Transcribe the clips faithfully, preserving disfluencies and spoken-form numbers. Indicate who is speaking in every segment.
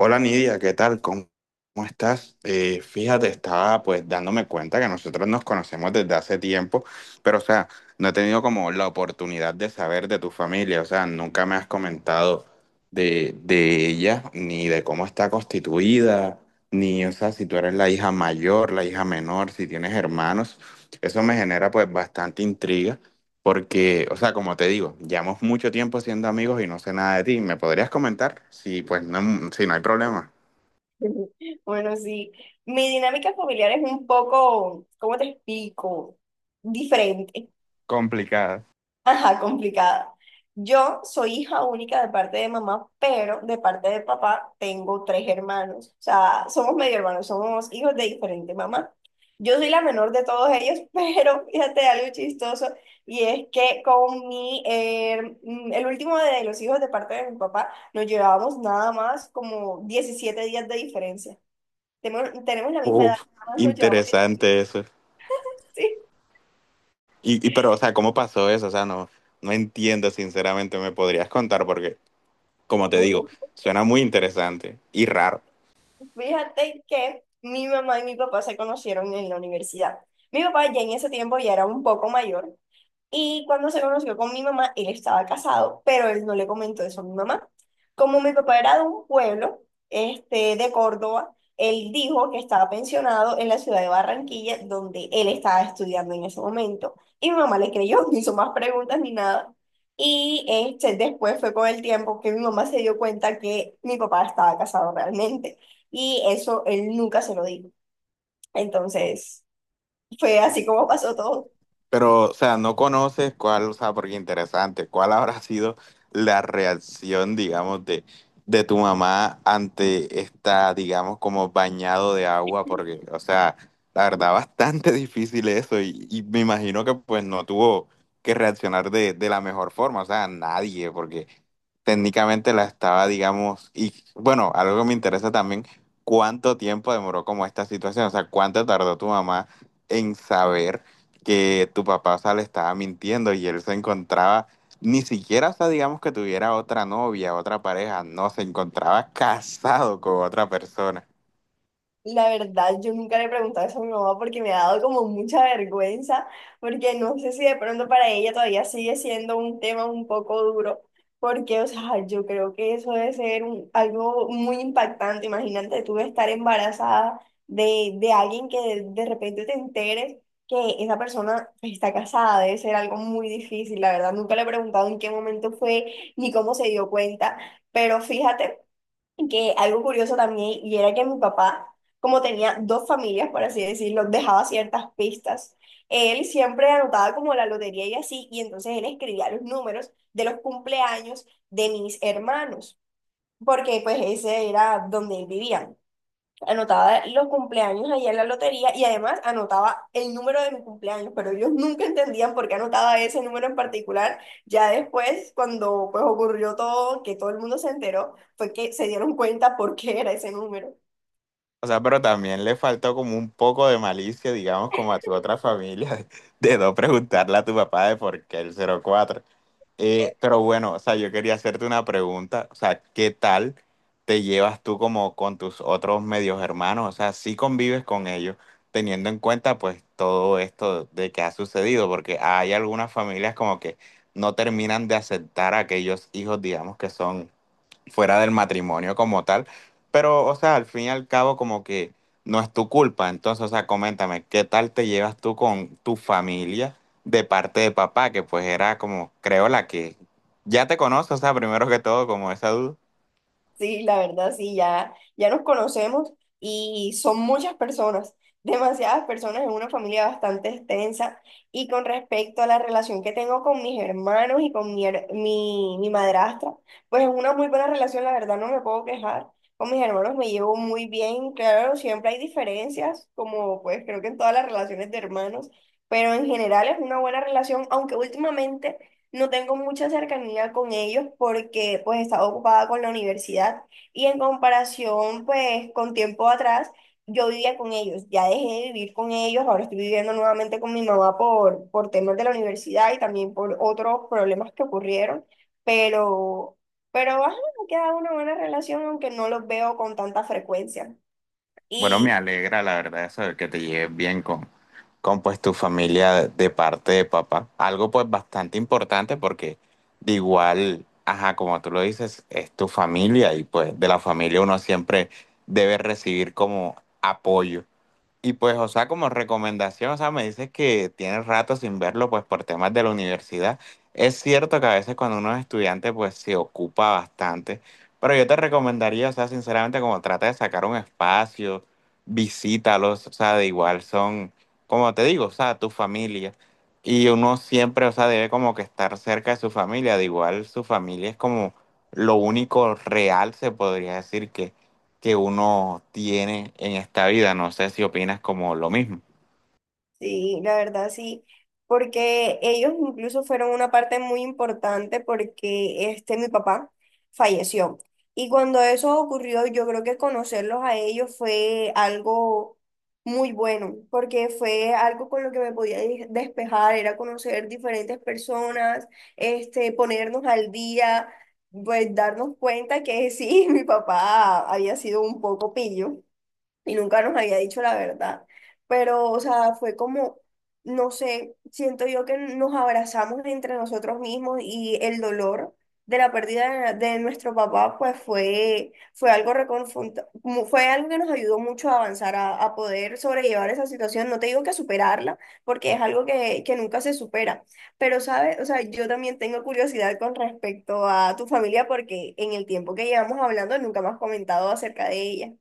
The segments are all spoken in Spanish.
Speaker 1: Hola Nidia, ¿qué tal? ¿Cómo, cómo estás? Eh, fíjate, estaba pues dándome cuenta que nosotros nos conocemos desde hace tiempo, pero o sea, no he tenido como la oportunidad de saber de tu familia, o sea, nunca me has comentado de, de ella, ni de cómo está constituida, ni, o sea, si tú eres la hija mayor, la hija menor, si tienes hermanos, eso me genera pues bastante intriga. Porque, o sea, como te digo, llevamos mucho tiempo siendo amigos y no sé nada de ti. ¿Me podrías comentar? Sí, pues no, sí, no hay problema.
Speaker 2: Bueno, sí. Mi dinámica familiar es un poco, ¿cómo te explico? Diferente.
Speaker 1: Complicada.
Speaker 2: Ajá, complicada. Yo soy hija única de parte de mamá, pero de parte de papá tengo tres hermanos. O sea, somos medio hermanos, somos hijos de diferente mamá. Yo soy la menor de todos ellos, pero fíjate algo chistoso, y es que con mi, eh, mm, el último de los hijos de parte de mi papá, nos llevábamos nada más como diecisiete días de diferencia. Tenemos, tenemos la misma edad,
Speaker 1: Uf,
Speaker 2: nada más nos llevamos diez.
Speaker 1: interesante eso.
Speaker 2: Sí.
Speaker 1: Y, y pero, o sea, ¿cómo pasó eso? O sea, no, no entiendo, sinceramente, ¿me podrías contar? Porque, como te
Speaker 2: Uy.
Speaker 1: digo, suena muy interesante y raro.
Speaker 2: Fíjate que mi mamá y mi papá se conocieron en la universidad. Mi papá ya en ese tiempo ya era un poco mayor. Y cuando se conoció con mi mamá, él estaba casado, pero él no le comentó eso a mi mamá. Como mi papá era de un pueblo, este, de Córdoba, él dijo que estaba pensionado en la ciudad de Barranquilla, donde él estaba estudiando en ese momento. Y mi mamá le creyó, no hizo más preguntas ni nada. Y este, después fue con el tiempo que mi mamá se dio cuenta que mi papá estaba casado realmente. Y eso él nunca se lo dijo. Entonces, fue así como pasó todo.
Speaker 1: Pero, o sea, no conoces cuál, o sea, porque interesante, cuál habrá sido la reacción, digamos, de, de tu mamá ante esta, digamos, como bañado de agua, porque, o sea, la verdad, bastante difícil eso y, y me imagino que pues no tuvo que reaccionar de, de la mejor forma, o sea, nadie, porque técnicamente la estaba, digamos, y bueno, algo que me interesa también, cuánto tiempo demoró como esta situación, o sea, cuánto tardó tu mamá en saber que tu papá, o sea, le estaba mintiendo y él se encontraba, ni siquiera, o sea, digamos que tuviera otra novia, otra pareja, no, se encontraba casado con otra persona.
Speaker 2: La verdad, yo nunca le he preguntado eso a mi mamá porque me ha dado como mucha vergüenza, porque no sé si de pronto para ella todavía sigue siendo un tema un poco duro, porque, o sea, yo creo que eso debe ser un- algo muy impactante. Imagínate tú estar embarazada de, de alguien que de, de repente te enteres que esa persona está casada, debe ser algo muy difícil. La verdad, nunca le he preguntado en qué momento fue ni cómo se dio cuenta, pero fíjate que algo curioso también, y era que mi papá, como tenía dos familias, por así decirlo, dejaba ciertas pistas. Él siempre anotaba como la lotería y así, y entonces él escribía los números de los cumpleaños de mis hermanos, porque pues ese era donde él vivía, anotaba los cumpleaños allá en la lotería y además anotaba el número de mi cumpleaños, pero ellos nunca entendían por qué anotaba ese número en particular. Ya después, cuando pues ocurrió todo, que todo el mundo se enteró, fue que se dieron cuenta por qué era ese número.
Speaker 1: O sea, pero también le faltó como un poco de malicia, digamos, como a tu otra familia, de, no preguntarle a tu papá de por qué el cero cuatro. Eh, pero bueno, o sea, yo quería hacerte una pregunta, o sea, ¿qué tal te llevas tú como con tus otros medios hermanos? O sea, si convives con ellos, teniendo en cuenta pues todo esto de que ha sucedido? Porque hay algunas familias como que no terminan de aceptar a aquellos hijos, digamos, que son fuera del matrimonio como tal. Pero, o sea, al fin y al cabo, como que no es tu culpa. Entonces, o sea, coméntame, ¿qué tal te llevas tú con tu familia de parte de papá? Que pues era como, creo, la que ya te conoce, o sea, primero que todo, como esa duda.
Speaker 2: Sí, la verdad, sí, ya, ya nos conocemos y son muchas personas, demasiadas personas en una familia bastante extensa. Y con respecto a la relación que tengo con mis hermanos y con mi, her- mi, mi madrastra, pues es una muy buena relación, la verdad, no me puedo quejar. Con mis hermanos me llevo muy bien, claro, siempre hay diferencias, como pues creo que en todas las relaciones de hermanos, pero en general es una buena relación, aunque últimamente... No tengo mucha cercanía con ellos porque pues estaba ocupada con la universidad y en comparación pues con tiempo atrás yo vivía con ellos, ya dejé de vivir con ellos, ahora estoy viviendo nuevamente con mi mamá por, por temas de la universidad y también por otros problemas que ocurrieron, pero, pero ajá, me queda una buena relación aunque no los veo con tanta frecuencia.
Speaker 1: Bueno, me
Speaker 2: Y
Speaker 1: alegra la verdad eso de que te lleves bien con, con pues tu familia de, de parte de papá. Algo pues bastante importante porque de igual, ajá, como tú lo dices, es tu familia y pues de la familia uno siempre debe recibir como apoyo. Y pues, o sea, como recomendación, o sea, me dices que tienes rato sin verlo, pues por temas de la universidad. Es cierto que a veces cuando uno es estudiante, pues se ocupa bastante, pero yo te recomendaría, o sea, sinceramente, como trata de sacar un espacio, visítalos, o sea, de igual son, como te digo, o sea, tu familia. Y uno siempre, o sea, debe como que estar cerca de su familia, de igual su familia es como lo único real, se podría decir que que uno tiene en esta vida. No sé si opinas como lo mismo.
Speaker 2: sí, la verdad sí, porque ellos incluso fueron una parte muy importante porque este mi papá falleció. Y cuando eso ocurrió, yo creo que conocerlos a ellos fue algo muy bueno, porque fue algo con lo que me podía de- despejar, era conocer diferentes personas, este, ponernos al día, pues darnos cuenta que sí, mi papá había sido un poco pillo y nunca nos había dicho la verdad. Pero, o sea, fue como, no sé, siento yo que nos abrazamos entre nosotros mismos y el dolor de la pérdida de, de nuestro papá, pues fue, fue algo reconfronta- mu- fue algo que nos ayudó mucho a avanzar, a, a poder sobrellevar esa situación. No te digo que superarla, porque es algo que, que nunca se supera. Pero, ¿sabes? O sea, yo también tengo curiosidad con respecto a tu familia, porque en el tiempo que llevamos hablando nunca me has comentado acerca de ella.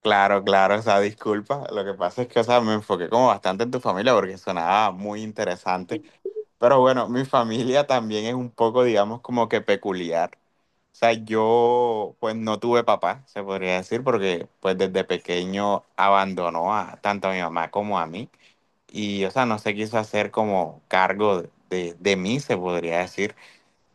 Speaker 1: Claro, claro, o sea, disculpa. Lo que pasa es que, o sea, me enfoqué como bastante en tu familia porque sonaba muy interesante. Pero bueno, mi familia también es un poco, digamos, como que peculiar. O sea, yo pues no tuve papá, se podría decir, porque pues desde pequeño abandonó a tanto a mi mamá como a mí. Y, o sea, no se quiso hacer como cargo de, de mí, se podría decir.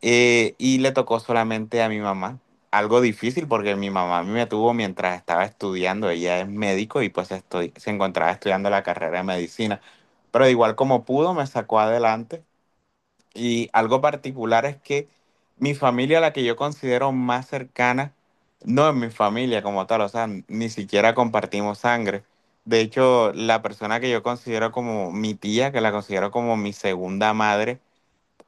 Speaker 1: Eh, y le tocó solamente a mi mamá. Algo difícil porque mi mamá a mí me tuvo mientras estaba estudiando. Ella es médico y pues estoy, se encontraba estudiando la carrera de medicina. Pero de igual como pudo, me sacó adelante. Y algo particular es que mi familia, la que yo considero más cercana, no es mi familia como tal, o sea, ni siquiera compartimos sangre. De hecho, la persona que yo considero como mi tía, que la considero como mi segunda madre,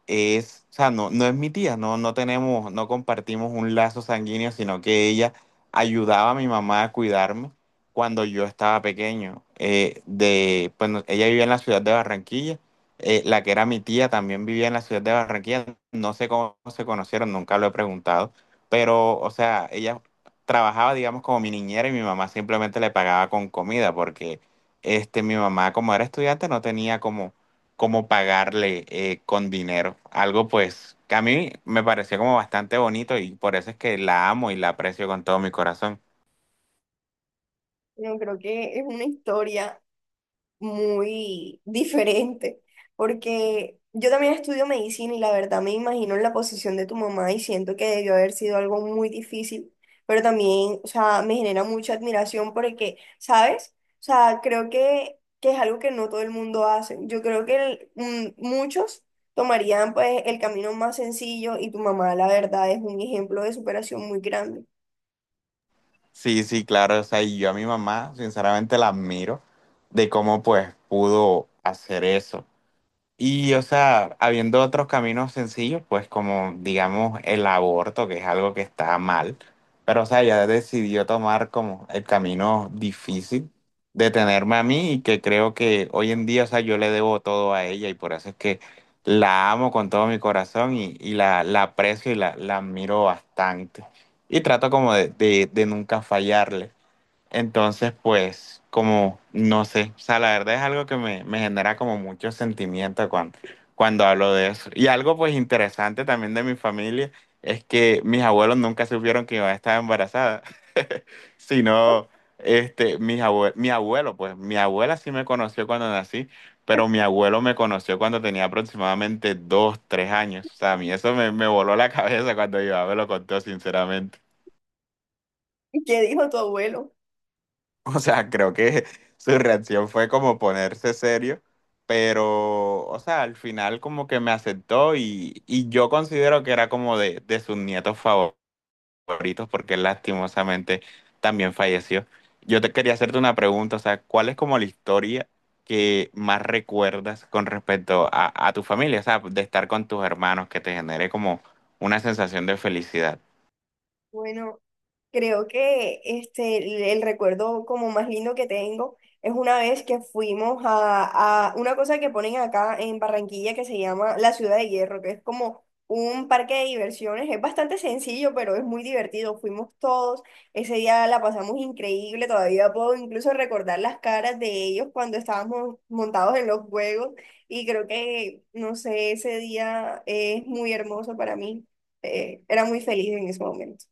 Speaker 1: es, o sea, no, no es mi tía, no, no tenemos, no compartimos un lazo sanguíneo, sino que ella ayudaba a mi mamá a cuidarme cuando yo estaba pequeño. Eh, de, bueno, ella vivía en la ciudad de Barranquilla, eh, la que era mi tía también vivía en la ciudad de Barranquilla, no sé cómo se conocieron, nunca lo he preguntado, pero, o sea, ella trabajaba, digamos, como mi niñera y mi mamá simplemente le pagaba con comida, porque este, mi mamá, como era estudiante, no tenía como como pagarle eh, con dinero. Algo pues que a mí me pareció como bastante bonito y por eso es que la amo y la aprecio con todo mi corazón.
Speaker 2: Yo creo que es una historia muy diferente, porque yo también estudio medicina y la verdad me imagino en la posición de tu mamá y siento que debió haber sido algo muy difícil, pero también, o sea, me genera mucha admiración porque, ¿sabes? O sea, creo que, que es algo que no todo el mundo hace. Yo creo que el- mm, muchos tomarían pues el camino más sencillo y tu mamá, la verdad, es un ejemplo de superación muy grande.
Speaker 1: Sí, sí, claro, o sea, y yo a mi mamá sinceramente la admiro de cómo pues pudo hacer eso. Y, o sea, habiendo otros caminos sencillos, pues como, digamos, el aborto, que es algo que está mal, pero, o sea, ella decidió tomar como el camino difícil de tenerme a mí y que creo que hoy en día, o sea, yo le debo todo a ella y por eso es que la amo con todo mi corazón y, y la, la aprecio y la, la admiro bastante. Y trato como de, de de nunca fallarle. Entonces, pues, como, no sé, o sea, la verdad es algo que me, me genera como mucho sentimiento cuando, cuando hablo de eso. Y algo pues interesante también de mi familia es que mis abuelos nunca supieron que yo estaba embarazada, sino, este, mis abue- mi abuelo, pues, mi abuela sí me conoció cuando nací, pero mi abuelo me conoció cuando tenía aproximadamente dos, tres años. O sea, a mí eso me, me voló la cabeza cuando mi mamá me lo contó, sinceramente.
Speaker 2: ¿Qué dijo tu abuelo?
Speaker 1: O sea, creo que su reacción fue como ponerse serio, pero, o sea, al final como que me aceptó y, y yo considero que era como de, de sus nietos favoritos porque él lastimosamente también falleció. Yo te quería hacerte una pregunta, o sea, ¿cuál es como la historia que más recuerdas con respecto a, a tu familia? O sea, de estar con tus hermanos que te genere como una sensación de felicidad.
Speaker 2: Bueno. Creo que este, el, el recuerdo como más lindo que tengo es una vez que fuimos a, a una cosa que ponen acá en Barranquilla que se llama la Ciudad de Hierro, que es como un parque de diversiones. Es bastante sencillo, pero es muy divertido. Fuimos todos, ese día la pasamos increíble, todavía puedo incluso recordar las caras de ellos cuando estábamos montados en los juegos y creo que, no sé, ese día es muy hermoso para mí. Eh, era muy feliz en ese momento.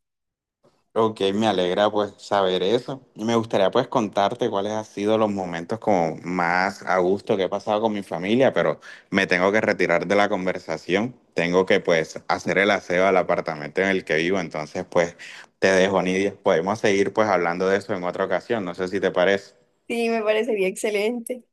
Speaker 1: Ok, me alegra pues saber eso. Y me gustaría pues contarte cuáles han sido los momentos como más a gusto que he pasado con mi familia, pero me tengo que retirar de la conversación. Tengo que pues hacer el aseo al apartamento en el que vivo, entonces pues te dejo, Nidia. Podemos seguir pues hablando de eso en otra ocasión, no sé si te parece.
Speaker 2: Sí, me parecería excelente.